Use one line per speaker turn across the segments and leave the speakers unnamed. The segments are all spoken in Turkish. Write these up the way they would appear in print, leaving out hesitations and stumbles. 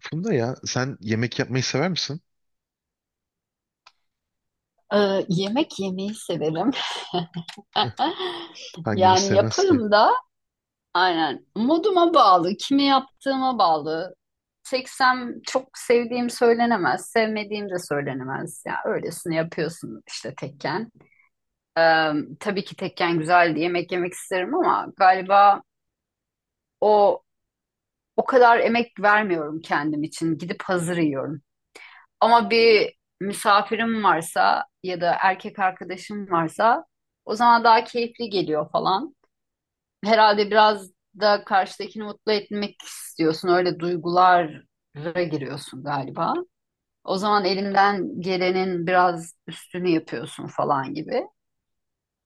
Funda ya sen yemek yapmayı sever misin?
Yemek yemeyi severim.
Hangimiz
Yani
sevmez ki?
yaparım da aynen moduma bağlı, kimi yaptığıma bağlı. Seksem çok sevdiğim söylenemez, sevmediğim de söylenemez. Ya öylesine yapıyorsun işte tekken. Ee, tabii ki tekken güzeldi, yemek yemek isterim ama galiba o o kadar emek vermiyorum kendim için. Gidip hazır yiyorum. Ama bir misafirim varsa ya da erkek arkadaşım varsa o zaman daha keyifli geliyor falan. Herhalde biraz da karşıdakini mutlu etmek istiyorsun. Öyle duygulara giriyorsun galiba. O zaman elinden gelenin biraz üstünü yapıyorsun falan gibi.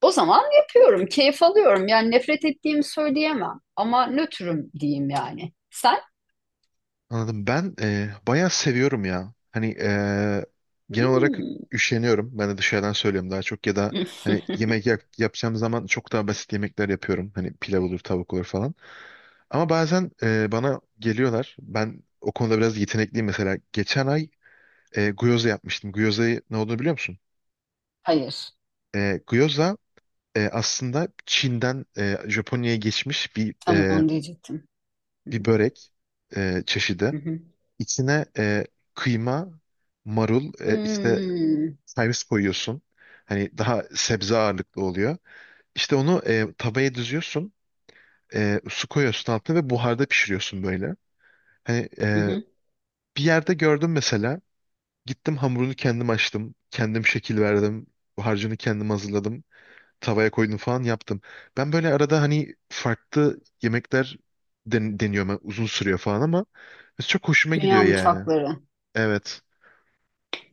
O zaman yapıyorum, keyif alıyorum. Yani nefret ettiğimi söyleyemem ama nötrüm diyeyim yani. Sen?
Anladım. Ben bayağı seviyorum ya. Hani genel olarak
Hmm.
üşeniyorum. Ben de dışarıdan söylüyorum daha çok. Ya da hani yapacağım zaman çok daha basit yemekler yapıyorum. Hani pilav olur, tavuk olur falan. Ama bazen bana geliyorlar. Ben o konuda biraz yetenekliyim mesela. Geçen ay gyoza yapmıştım. Gyoza'yı ne olduğunu biliyor musun?
Hayır,
Gyoza aslında Çin'den Japonya'ya geçmiş
tam onu diyecektim.
bir börek çeşidi. İçine kıyma, marul, işte
Hmm.
servis koyuyorsun. Hani daha sebze ağırlıklı oluyor. İşte onu tavaya düzüyorsun. Su koyuyorsun altına ve buharda pişiriyorsun böyle. Hani
Hı hı.
bir yerde gördüm mesela. Gittim hamurunu kendim açtım. Kendim şekil verdim. Harcını kendim hazırladım. Tavaya koydum falan yaptım. Ben böyle arada hani farklı deniyorum. Yani uzun sürüyor falan ama çok hoşuma
Dünya
gidiyor yani.
mutfakları.
Evet.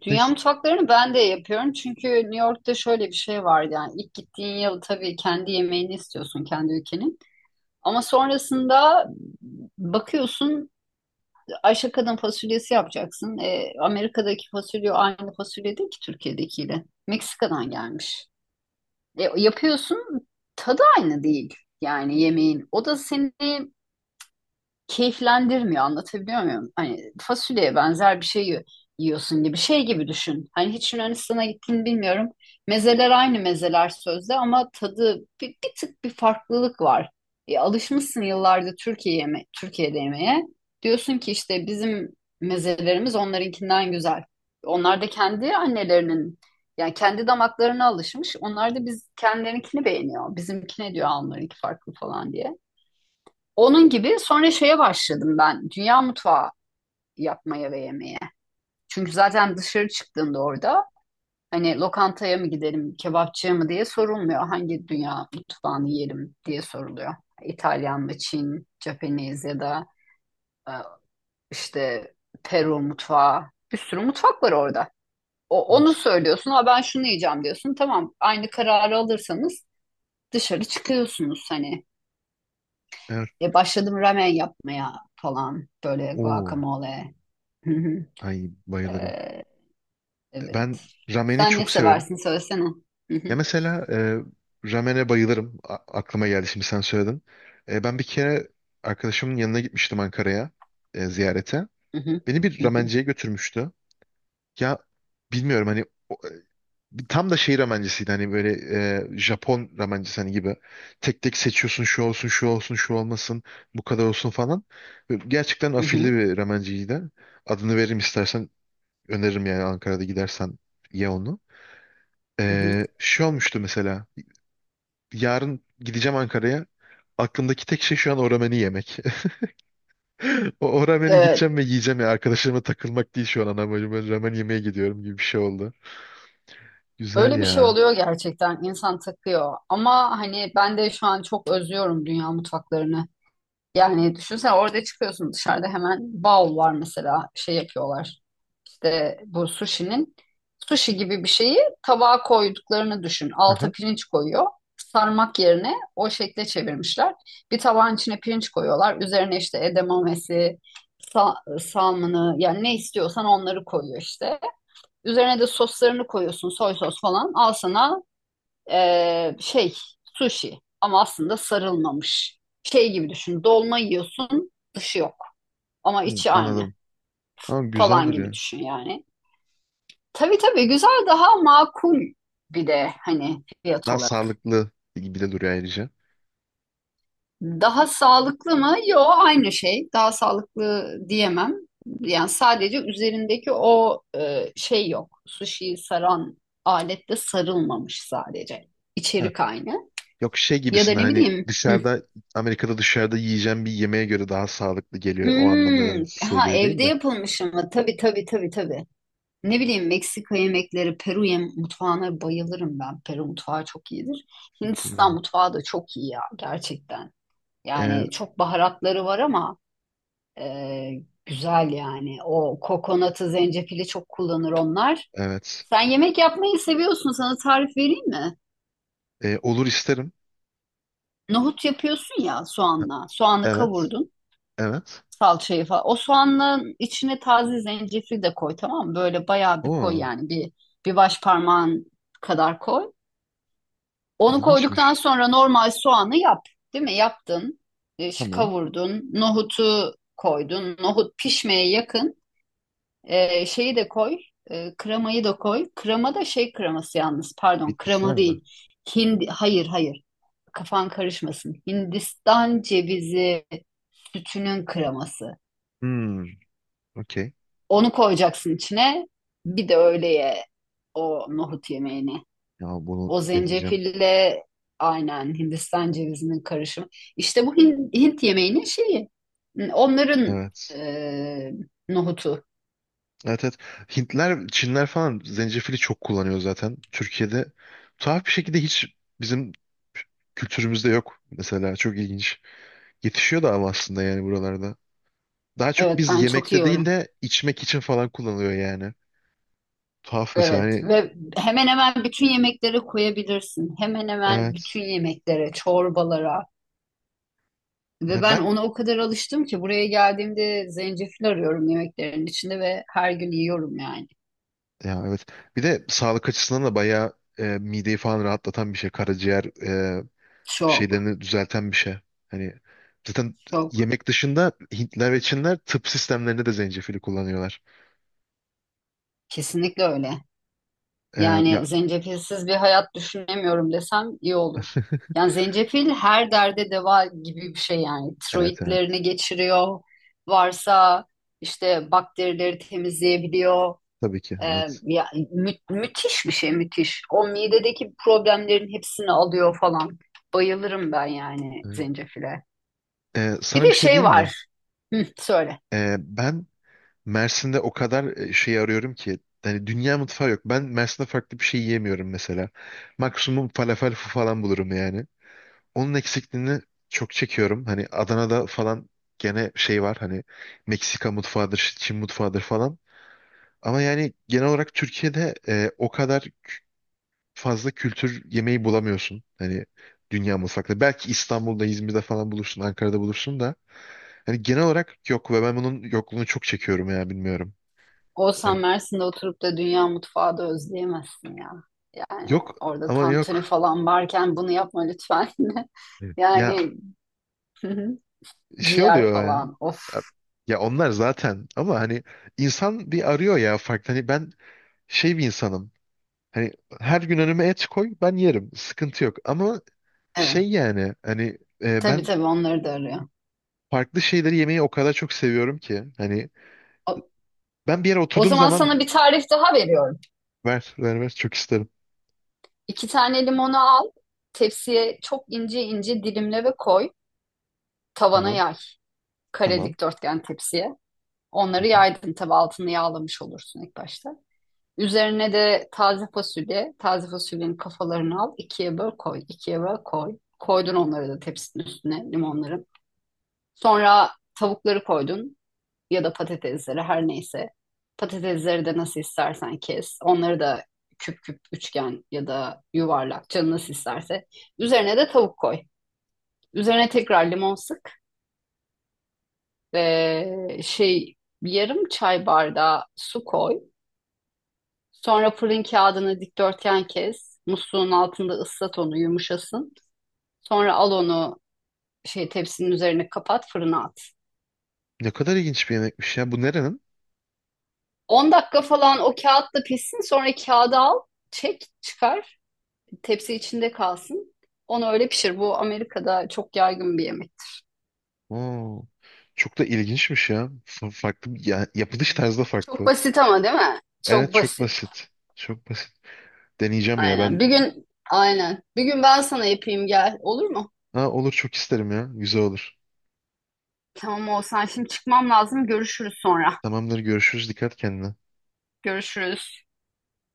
Dünya
Neyse.
mutfaklarını ben de yapıyorum çünkü New York'ta şöyle bir şey var yani ilk gittiğin yıl tabii kendi yemeğini istiyorsun kendi ülkenin ama sonrasında bakıyorsun Ayşe Kadın fasulyesi yapacaksın. Amerika'daki fasulye aynı fasulye değil ki Türkiye'dekiyle. Meksika'dan gelmiş. Yapıyorsun tadı aynı değil yani yemeğin. O da seni keyiflendirmiyor, anlatabiliyor muyum? Hani fasulyeye benzer bir şey yiyorsun gibi şey gibi düşün. Hani hiç Yunanistan'a gittin bilmiyorum. Mezeler aynı mezeler sözde ama tadı bir tık bir farklılık var. Alışmışsın yıllardır Türkiye'de yemeye. Diyorsun ki işte bizim mezelerimiz onlarınkinden güzel. Onlar da kendi annelerinin yani kendi damaklarına alışmış. Onlar da biz kendilerinkini beğeniyor. Bizimkine diyor onlarınki farklı falan diye. Onun gibi sonra şeye başladım ben. Dünya mutfağı yapmaya ve yemeye. Çünkü zaten dışarı çıktığında orada hani lokantaya mı gidelim, kebapçıya mı diye sorulmuyor. Hangi dünya mutfağını yiyelim diye soruluyor. İtalyan mı, Çin, Japanese ya da e, işte Peru mutfağı. Bir sürü mutfak var orada. O, onu
Evet.
söylüyorsun. Ha ben şunu yiyeceğim diyorsun. Tamam aynı kararı alırsanız dışarı çıkıyorsunuz hani.
Evet.
Başladım ramen yapmaya falan böyle
Oo.
guacamole.
Ay bayılırım.
Ee,
Ben
evet.
rameni
Sen ne
çok severim.
seversin söylesene. Hı
Ya
hı,
mesela ramene bayılırım. Aklıma geldi şimdi sen söyledin. Ben bir kere arkadaşımın yanına gitmiştim Ankara'ya ziyarete.
hı hı,
Beni bir
hı hı,
ramenciye götürmüştü. Ya bilmiyorum hani tam da şey ramencisiydi hani böyle Japon ramencisi hani gibi. Tek tek seçiyorsun şu olsun şu olsun şu olmasın bu kadar olsun falan. Böyle gerçekten
hı
afilli
hı,
bir ramenciydi. Adını veririm istersen öneririm yani Ankara'da gidersen ye onu.
hı hı.
Şey olmuştu mesela yarın gideceğim Ankara'ya. Aklımdaki tek şey şu an o rameni yemek. O rameni
Evet.
gideceğim ve yiyeceğim ya. Arkadaşlarıma takılmak değil şu an ana amacım. Ben ramen yemeye gidiyorum gibi bir şey oldu. Güzel
Öyle
Hmm.
bir şey
ya.
oluyor gerçekten. İnsan takıyor. Ama hani ben de şu an çok özlüyorum dünya mutfaklarını. Yani düşünsene orada çıkıyorsun dışarıda hemen bal var mesela şey yapıyorlar. De bu sushi'nin sushi gibi bir şeyi tabağa koyduklarını düşün. Alta
Aha.
pirinç koyuyor. Sarmak yerine o şekle çevirmişler. Bir tabağın içine pirinç koyuyorlar. Üzerine işte edamamesi, salmını yani ne istiyorsan onları koyuyor işte. Üzerine de soslarını koyuyorsun. Soy sos falan. Al sana şey sushi ama aslında sarılmamış. Şey gibi düşün. Dolma yiyorsun, dışı yok ama
Hı,
içi aynı
anladım. Ama güzel
falan gibi
duruyor.
düşün yani. Tabii tabii güzel daha makul bir de hani fiyat
Daha
olarak.
sağlıklı gibi de duruyor ayrıca.
Daha sağlıklı mı? Yo aynı şey. Daha sağlıklı diyemem. Yani sadece üzerindeki o şey yok. Sushi'yi saran alette sarılmamış sadece.
Ha,
İçerik aynı.
yok şey
Ya da
gibisine
ne
hani
bileyim.
dışarıda Amerika'da dışarıda yiyeceğim bir yemeğe göre daha sağlıklı geliyor. O anlamda dedim
Hmm,
şeye
ha
göre değil
evde
de.
yapılmış ama tabii tabii tabii tabii. Ne bileyim Meksika yemekleri, Peru yem mutfağına bayılırım ben. Peru mutfağı çok iyidir.
Çok iyi
Hindistan
yani.
mutfağı da çok iyi ya gerçekten.
Ee,
Yani çok baharatları var ama e, güzel yani. O kokonatı, zencefili çok kullanır onlar.
evet.
Sen yemek yapmayı seviyorsun. Sana tarif vereyim mi?
Olur isterim.
Nohut yapıyorsun ya soğanla. Soğanı
Evet.
kavurdun.
Evet.
Salçayı falan. O soğanın içine taze zencefil de koy tamam mı? Böyle bayağı bir koy
Oo,
yani. Bir baş parmağın kadar koy. Onu koyduktan
ilginçmiş.
sonra normal soğanı yap. Değil mi? Yaptın. Şu
Tamam.
kavurdun. Nohutu koydun. Nohut pişmeye yakın. Şeyi de koy, kremayı da koy. Krema da şey kreması yalnız, pardon,
Bitkisel
krema
mi?
değil. Hindi, hayır hayır, kafan karışmasın. Hindistan cevizi sütünün kreması.
Hmm, okey.
Onu koyacaksın içine. Bir de öyle o nohut yemeğini.
Ya bunu
O
deneyeceğim.
zencefille aynen Hindistan cevizinin karışımı. İşte bu Hint yemeğinin şeyi. Onların
Evet.
e, nohutu.
Evet evet. Hintler, Çinler falan zencefili çok kullanıyor zaten. Türkiye'de tuhaf bir şekilde hiç bizim kültürümüzde yok mesela. Çok ilginç. Yetişiyor da ama aslında yani buralarda. Daha çok
Evet
biz
ben çok
yemekte değil
yiyorum.
de içmek için falan kullanılıyor yani. Tuhaf mesela
Evet
hani
ve hemen hemen bütün yemeklere koyabilirsin. Hemen hemen bütün
evet.
yemeklere, çorbalara.
E,
Ve ben
Ben
ona o kadar alıştım ki buraya geldiğimde zencefil arıyorum yemeklerin içinde ve her gün yiyorum yani.
ya evet. Bir de sağlık açısından da bayağı mideyi falan rahatlatan bir şey. Karaciğer
Çok,
şeylerini düzelten bir şey. Hani zaten
çok.
yemek dışında Hintler ve Çinler tıp sistemlerinde de zencefili kullanıyorlar.
Kesinlikle öyle. Yani
Ya
zencefilsiz bir hayat düşünemiyorum desem iyi olur. Yani zencefil her derde deva gibi bir şey yani.
evet evet
Tiroidlerini geçiriyor. Varsa işte bakterileri temizleyebiliyor.
tabii ki evet.
Müthiş bir şey müthiş. O midedeki problemlerin hepsini alıyor falan. Bayılırım ben yani
Evet.
zencefile. Bir
Sana
de
bir şey
şey
diyeyim mi?
var. Hı, söyle.
Ben Mersin'de o kadar şey arıyorum ki hani dünya mutfağı yok. Ben Mersin'de farklı bir şey yiyemiyorum mesela. Maksimum falafel falan bulurum yani. Onun eksikliğini çok çekiyorum. Hani Adana'da falan gene şey var hani Meksika mutfağıdır, Çin mutfağıdır falan. Ama yani genel olarak Türkiye'de o kadar fazla kültür yemeği bulamıyorsun. Hani dünya mutfakta. Belki İstanbul'da, İzmir'de falan bulursun, Ankara'da bulursun da. Hani genel olarak yok ve ben bunun yokluğunu çok çekiyorum ya bilmiyorum.
Olsan
Hani
Mersin'de oturup da dünya mutfağı da özleyemezsin ya. Yani
yok
orada
ama
tantuni
yok.
falan varken bunu yapma lütfen.
Evet. Ya
Yani hı hı,
şey
ciğer
oluyor ya.
falan.
Ya
Of.
ya onlar zaten ama hani insan bir arıyor ya farklı. Hani ben şey bir insanım. Hani her gün önüme et koy ben yerim. Sıkıntı yok. Ama
Evet.
şey yani hani
Tabii
ben
tabii onları da arıyor.
farklı şeyleri yemeyi o kadar çok seviyorum ki. Hani
O,
ben bir yere
o
oturduğum
zaman
zaman
sana bir tarif daha veriyorum.
ver ver ver çok isterim.
İki tane limonu al. Tepsiye çok ince ince dilimle ve koy. Tavana
Tamam
yay. Kare
tamam.
dikdörtgen tepsiye.
Hı
Onları
hı.
yaydın tabii altını yağlamış olursun ilk başta. Üzerine de taze fasulye. Taze fasulyenin kafalarını al. İkiye böl koy. İkiye böl koy. Koydun onları da tepsinin üstüne limonların. Sonra tavukları koydun ya da patatesleri her neyse. Patatesleri de nasıl istersen kes. Onları da küp küp üçgen ya da yuvarlak canın nasıl isterse. Üzerine de tavuk koy. Üzerine tekrar limon sık ve şey yarım çay bardağı su koy. Sonra fırın kağıdını dikdörtgen kes. Musluğun altında ıslat onu yumuşasın. Sonra al onu şey tepsinin üzerine kapat fırına at.
Ne kadar ilginç bir yemekmiş ya. Bu nerenin?
10 dakika falan o kağıtla pişsin sonra kağıdı al çek çıkar tepsi içinde kalsın. Onu öyle pişir. Bu Amerika'da çok yaygın bir yemek.
Oo, çok da ilginçmiş ya. Farklı ya, yapılış tarzı da
Çok
farklı.
basit ama değil mi?
Evet
Çok
çok
basit.
basit. Çok basit. Deneyeceğim ya
Aynen.
ben.
Bir gün aynen. Bir gün ben sana yapayım gel. Olur mu?
Ha, olur çok isterim ya. Güzel olur.
Tamam olsan. Şimdi çıkmam lazım. Görüşürüz sonra.
Tamamdır görüşürüz. Dikkat kendine.
Görüşürüz.